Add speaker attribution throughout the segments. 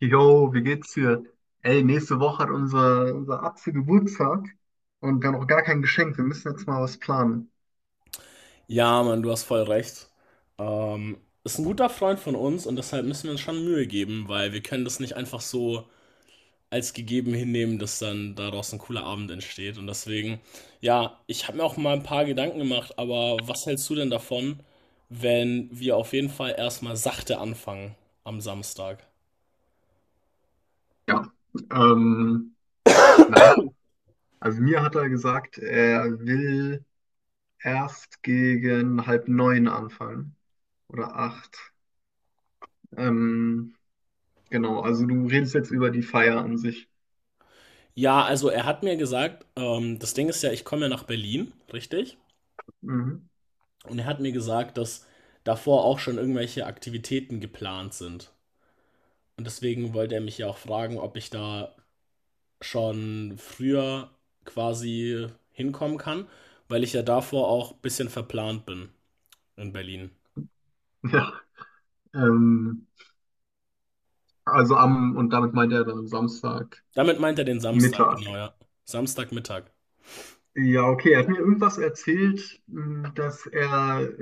Speaker 1: Yo, wie geht's dir? Ey, nächste Woche hat unser Atze Geburtstag und wir haben noch gar kein Geschenk. Wir müssen jetzt mal was planen.
Speaker 2: Ja, Mann, du hast voll recht. Ähm, ist ein guter Freund von uns und deshalb müssen wir uns schon Mühe geben, weil wir können das nicht einfach so als gegeben hinnehmen, dass dann daraus ein cooler Abend entsteht. Und deswegen, ja, ich habe mir auch mal ein paar Gedanken gemacht, aber was hältst du denn davon, wenn wir auf jeden Fall erstmal sachte anfangen am Samstag?
Speaker 1: Ja. Ähm, naja, also mir hat er gesagt, er will erst gegen halb neun anfangen oder acht. Ähm, genau, also du redest jetzt über die Feier an sich.
Speaker 2: Ja, also er hat mir gesagt, das Ding ist ja, ich komme ja nach Berlin, richtig?
Speaker 1: Mhm.
Speaker 2: Und er hat mir gesagt, dass davor auch schon irgendwelche Aktivitäten geplant sind. Und deswegen wollte er mich ja auch fragen, ob ich da schon früher quasi hinkommen kann, weil ich ja davor auch ein bisschen verplant bin in Berlin.
Speaker 1: Ja. Ähm, also und damit meint er dann Samstag
Speaker 2: Damit meint er den Samstag, genau,
Speaker 1: Mittag.
Speaker 2: ja. Samstagmittag.
Speaker 1: Ja, okay. Er hat mir irgendwas erzählt, dass er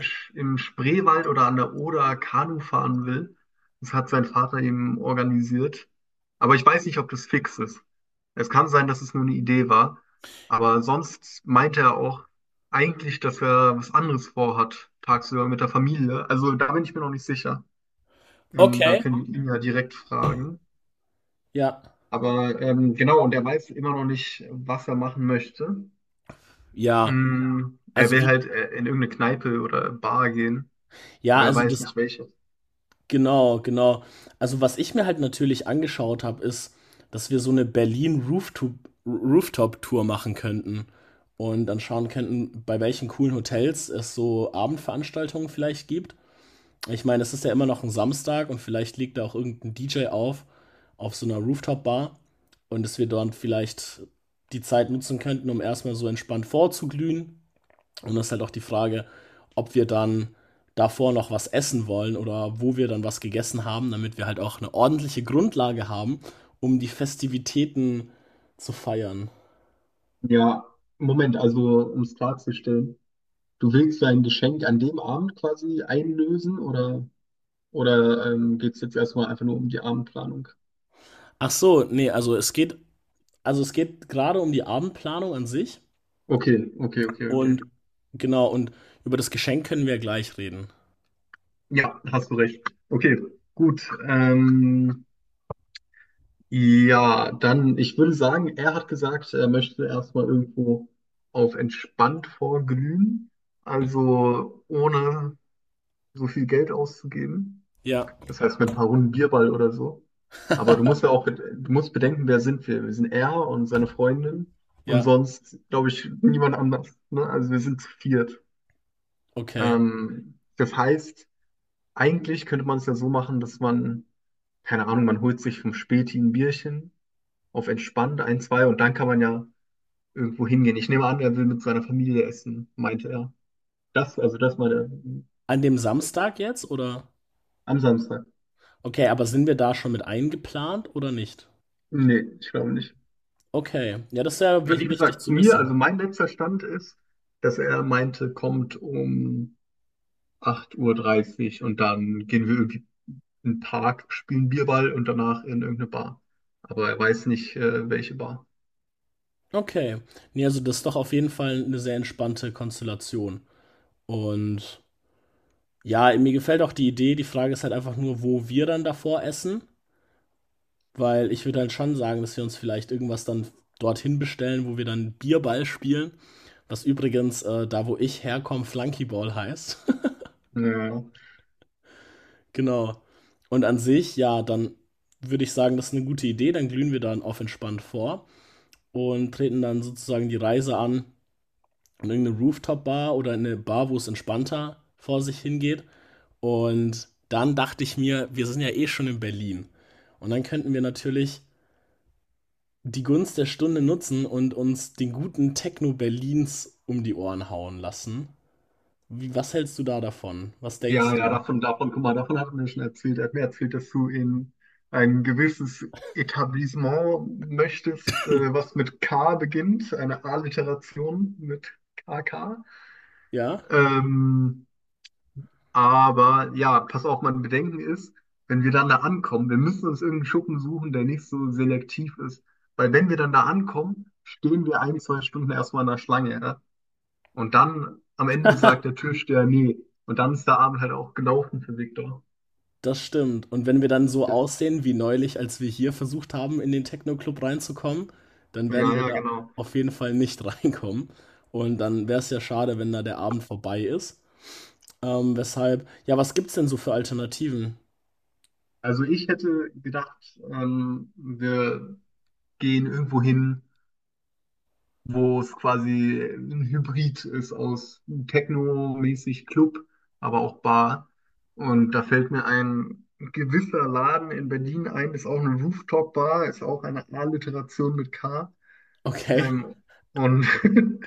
Speaker 1: im Spreewald oder an der Oder Kanu fahren will. Das hat sein Vater ihm organisiert. Aber ich weiß nicht, ob das fix ist. Es kann sein, dass es nur eine Idee war. Aber sonst meinte er auch eigentlich, dass er was anderes vorhat, tagsüber mit der Familie. Also da bin ich mir noch nicht sicher. Da
Speaker 2: Okay.
Speaker 1: können wir ihn, okay, ja, direkt fragen.
Speaker 2: Ja.
Speaker 1: Aber genau, und er weiß immer noch nicht, was er machen möchte.
Speaker 2: Ja.
Speaker 1: Er
Speaker 2: Also
Speaker 1: will
Speaker 2: wie,
Speaker 1: halt in irgendeine Kneipe oder Bar gehen,
Speaker 2: ja,
Speaker 1: aber er
Speaker 2: also
Speaker 1: weiß
Speaker 2: das,
Speaker 1: nicht welche.
Speaker 2: genau, genau. Also, was ich mir halt natürlich angeschaut habe, ist, dass wir so eine Berlin Rooftop-Tour machen könnten und dann schauen könnten, bei welchen coolen Hotels es so Abendveranstaltungen vielleicht gibt. Ich meine, es ist ja immer noch ein Samstag und vielleicht legt da auch irgend 'n DJ auf so einer Rooftop-Bar und dass wir dort vielleicht die Zeit nutzen könnten, um erstmal so entspannt vorzuglühen. Und das ist halt auch die Frage, ob wir dann davor noch was essen wollen oder wo wir dann was gegessen haben, damit wir halt auch eine ordentliche Grundlage haben, um die Festivitäten zu feiern.
Speaker 1: Ja, Moment, also um es klarzustellen, du willst dein Geschenk an dem Abend quasi einlösen, oder geht es jetzt erstmal einfach nur um die Abendplanung?
Speaker 2: Ach so, nee, also es geht gerade um die Abendplanung an sich
Speaker 1: Okay, okay, okay, okay.
Speaker 2: und genau, und über das Geschenk können wir gleich reden.
Speaker 1: Ja, hast du recht. Okay, gut. Ja, dann, ich würde sagen, er hat gesagt, er möchte erstmal irgendwo auf entspannt vorglühen, also ohne so viel Geld auszugeben.
Speaker 2: Ja.
Speaker 1: Das heißt, mit ein paar Runden Bierball oder so. Aber du musst bedenken, wer sind wir? Wir sind er und seine Freundin und
Speaker 2: Ja,
Speaker 1: sonst, glaube ich, niemand anders. Ne? Also wir sind zu viert.
Speaker 2: okay.
Speaker 1: Das heißt, eigentlich könnte man es ja so machen, dass man, keine Ahnung, man holt sich vom Späti ein Bierchen auf entspannt ein, zwei und dann kann man ja irgendwo hingehen. Ich nehme an, er will mit seiner Familie essen, meinte er. Also das meine
Speaker 2: An dem Samstag jetzt oder?
Speaker 1: am Samstag.
Speaker 2: Okay, aber sind wir da schon mit eingeplant oder nicht?
Speaker 1: Nee, ich glaube nicht.
Speaker 2: Okay, ja, das ist ja
Speaker 1: Ja, wie
Speaker 2: wichtig
Speaker 1: gesagt, zu
Speaker 2: zu
Speaker 1: mir,
Speaker 2: wissen.
Speaker 1: also mein letzter Stand ist, dass er meinte, kommt um 8:30 Uhr dreißig und dann gehen wir irgendwie in den Park, spielen Bierball und danach in irgendeine Bar. Aber er weiß nicht, welche Bar.
Speaker 2: Okay. Ne, also das ist doch auf jeden Fall eine sehr entspannte Konstellation. Und ja, mir gefällt auch die Idee. Die Frage ist halt einfach nur, wo wir dann davor essen, weil ich würde halt schon sagen, dass wir uns vielleicht irgendwas dann dorthin bestellen, wo wir dann Bierball spielen, was übrigens, da, wo ich herkomme, Flunkyball heißt.
Speaker 1: Ja,
Speaker 2: Genau. Und an sich, ja, dann würde ich sagen, das ist eine gute Idee. Dann glühen wir dann auf entspannt vor und treten dann sozusagen die Reise an in irgendeine Rooftop-Bar oder in eine Bar, wo es entspannter vor sich hingeht. Und dann dachte ich mir, wir sind ja eh schon in Berlin. Und dann könnten wir natürlich die Gunst der Stunde nutzen und uns den guten Techno Berlins um die Ohren hauen lassen. Wie, was hältst du da davon? Was denkst
Speaker 1: ja, ja,
Speaker 2: du?
Speaker 1: guck mal, davon hat er mir schon erzählt. Er hat mir erzählt, dass du in ein gewisses Etablissement möchtest, was mit K beginnt, eine A-Literation mit KK.
Speaker 2: Ja?
Speaker 1: Ähm, Aber ja, pass auf, mein Bedenken ist, wenn wir dann da ankommen, wir müssen uns irgendeinen Schuppen suchen, der nicht so selektiv ist. Weil wenn wir dann da ankommen, stehen wir ein, zwei Stunden erstmal in der Schlange. Ja? Und dann am Ende sagt der Türsteher, nee. Und dann ist der Abend halt auch gelaufen für Viktor.
Speaker 2: Das stimmt. Und wenn wir dann so
Speaker 1: Das-
Speaker 2: aussehen wie neulich, als wir hier versucht haben, in den Techno-Club reinzukommen, dann
Speaker 1: Ja,
Speaker 2: werden wir
Speaker 1: ja,
Speaker 2: da
Speaker 1: genau.
Speaker 2: auf jeden Fall nicht reinkommen. Und dann wäre es ja schade, wenn da der Abend vorbei ist. Weshalb, ja, was gibt's denn so für Alternativen?
Speaker 1: Also ich hätte gedacht, wir gehen irgendwo hin, wo es quasi ein Hybrid ist aus Techno-mäßig Club, aber auch Bar. Und da fällt mir ein gewisser Laden in Berlin ein, ist auch eine Rooftop-Bar, ist auch eine Alliteration mit K.
Speaker 2: Okay,
Speaker 1: Ähm, und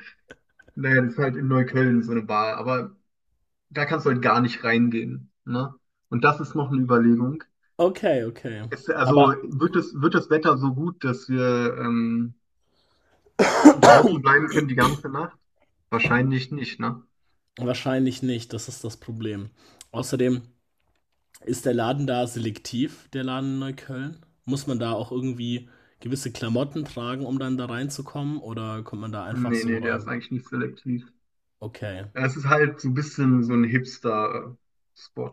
Speaker 1: naja, das ist halt in Neukölln so eine Bar, aber da kannst du halt gar nicht reingehen. Ne? Und das ist noch eine Überlegung.
Speaker 2: okay, okay.
Speaker 1: Also
Speaker 2: Aber
Speaker 1: wird das, Wetter so gut, dass wir draußen bleiben können die ganze Nacht? Wahrscheinlich nicht, ne?
Speaker 2: wahrscheinlich nicht, das ist das Problem. Außerdem ist der Laden da selektiv, der Laden in Neukölln? Muss man da auch irgendwie gewisse Klamotten tragen, um dann da reinzukommen? Oder kommt man da einfach
Speaker 1: Nee,
Speaker 2: so
Speaker 1: nee, der ist
Speaker 2: rein?
Speaker 1: eigentlich nicht selektiv.
Speaker 2: Okay.
Speaker 1: Ja, es ist halt so ein bisschen so ein Hipster-Spot.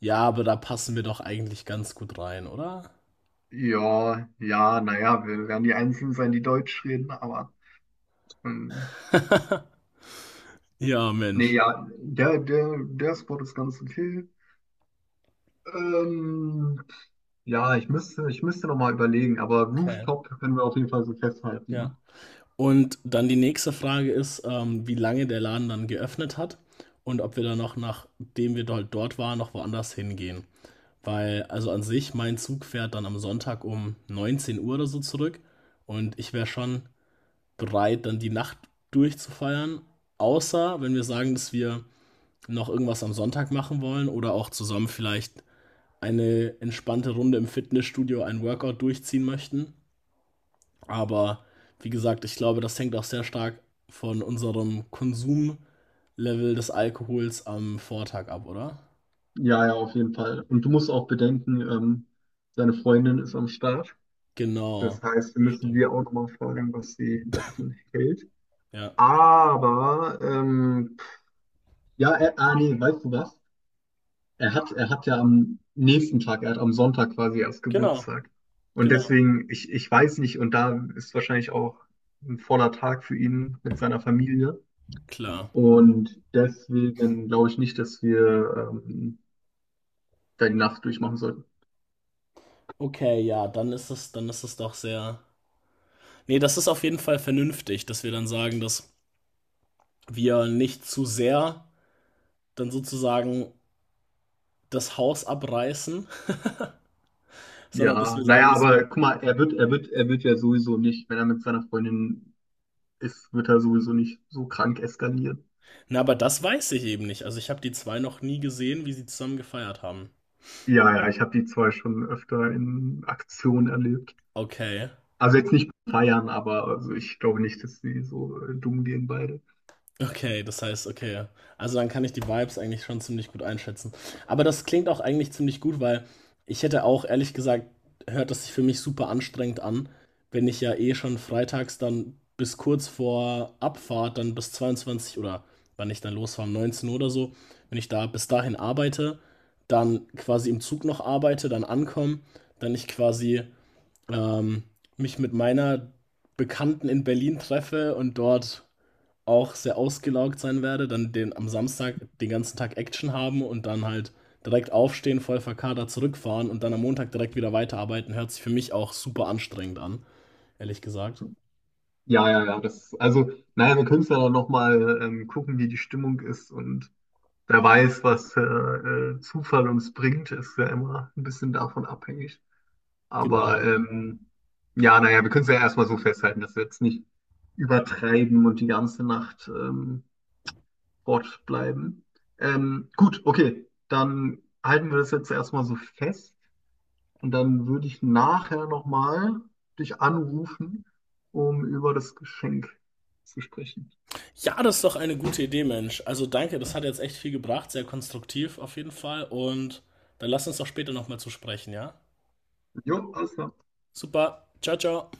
Speaker 2: Ja, aber da passen wir doch eigentlich ganz gut rein, oder?
Speaker 1: Ja, ja, naja, wir werden die Einzigen sein, die Deutsch reden, aber ähm,
Speaker 2: Ja,
Speaker 1: nee,
Speaker 2: Mensch.
Speaker 1: ja, der Spot ist ganz okay. Ähm, ja, ich müsste noch mal überlegen, aber
Speaker 2: Okay.
Speaker 1: Rooftop können wir auf jeden Fall so festhalten,
Speaker 2: Ja.
Speaker 1: ne?
Speaker 2: Und dann die nächste Frage ist, wie lange der Laden dann geöffnet hat und ob wir dann noch, nachdem wir dort waren, noch woanders hingehen. Weil, also an sich, mein Zug fährt dann am Sonntag um 19 Uhr oder so zurück und ich wäre schon bereit, dann die Nacht durchzufeiern, außer wenn wir sagen, dass wir noch irgendwas am Sonntag machen wollen oder auch zusammen vielleicht eine entspannte Runde im Fitnessstudio ein Workout durchziehen möchten. Aber wie gesagt, ich glaube, das hängt auch sehr stark von unserem Konsumlevel des Alkohols am Vortag ab, oder?
Speaker 1: Ja, ja, auf jeden Fall. Und du musst auch bedenken, seine Freundin ist am Start. Das
Speaker 2: Genau.
Speaker 1: heißt, wir müssen sie
Speaker 2: Stimmt.
Speaker 1: auch noch mal fragen, was sie davon hält.
Speaker 2: Ja.
Speaker 1: Aber, ja, er, ah, nee, weißt du was? Er hat ja am nächsten Tag, er hat am Sonntag quasi erst
Speaker 2: Genau.
Speaker 1: Geburtstag. Und
Speaker 2: Genau.
Speaker 1: deswegen, ich weiß nicht, und da ist wahrscheinlich auch ein voller Tag für ihn mit seiner Familie.
Speaker 2: Klar.
Speaker 1: Und deswegen glaube ich nicht, dass wir da die Nacht durchmachen sollten.
Speaker 2: Okay, ja, dann ist es doch sehr. Nee, das ist auf jeden Fall vernünftig, dass wir dann sagen, dass wir nicht zu sehr dann sozusagen das Haus abreißen, sondern dass
Speaker 1: Ja,
Speaker 2: wir sagen,
Speaker 1: naja,
Speaker 2: dass wir
Speaker 1: aber guck mal, er wird ja sowieso nicht, wenn er mit seiner Freundin ist, wird er sowieso nicht so krank eskalieren.
Speaker 2: na, aber das weiß ich eben nicht. Also ich habe die zwei noch nie gesehen, wie sie zusammen gefeiert haben.
Speaker 1: Ja, ja, ich habe die zwei schon öfter in Aktion erlebt.
Speaker 2: Okay.
Speaker 1: Also jetzt nicht feiern, aber also ich glaube nicht, dass sie so dumm gehen beide.
Speaker 2: Okay, das heißt, okay. Also dann kann ich die Vibes eigentlich schon ziemlich gut einschätzen. Aber das klingt auch eigentlich ziemlich gut, weil ich hätte auch ehrlich gesagt, hört das sich für mich super anstrengend an, wenn ich ja eh schon freitags dann bis kurz vor Abfahrt, dann bis 22 oder wann ich dann losfahre, um 19 Uhr oder so, wenn ich da bis dahin arbeite, dann quasi im Zug noch arbeite, dann ankomme, dann ich quasi ähm, mich mit meiner Bekannten in Berlin treffe und dort auch sehr ausgelaugt sein werde, dann den am Samstag den ganzen Tag Action haben und dann halt direkt aufstehen, voll verkadert zurückfahren und dann am Montag direkt wieder weiterarbeiten, hört sich für mich auch super anstrengend an, ehrlich gesagt.
Speaker 1: Ja, ja, ja, das, also, naja, wir können es ja dann nochmal gucken, wie die Stimmung ist und wer weiß, was Zufall uns bringt, ist ja immer ein bisschen davon abhängig. Aber
Speaker 2: Genau, genau.
Speaker 1: ja, naja, wir können es ja erstmal so festhalten, dass wir jetzt nicht übertreiben und die ganze Nacht Sport bleiben. Gut, okay, dann halten wir das jetzt erstmal so fest und dann würde ich nachher nochmal dich anrufen, um über das Geschenk zu sprechen.
Speaker 2: Ja, das ist doch eine gute Idee, Mensch. Also danke, das hat jetzt echt viel gebracht, sehr konstruktiv auf jeden Fall. Und dann lass uns doch später nochmal zu sprechen, ja?
Speaker 1: Jo, alles klar.
Speaker 2: Super, ciao, ciao.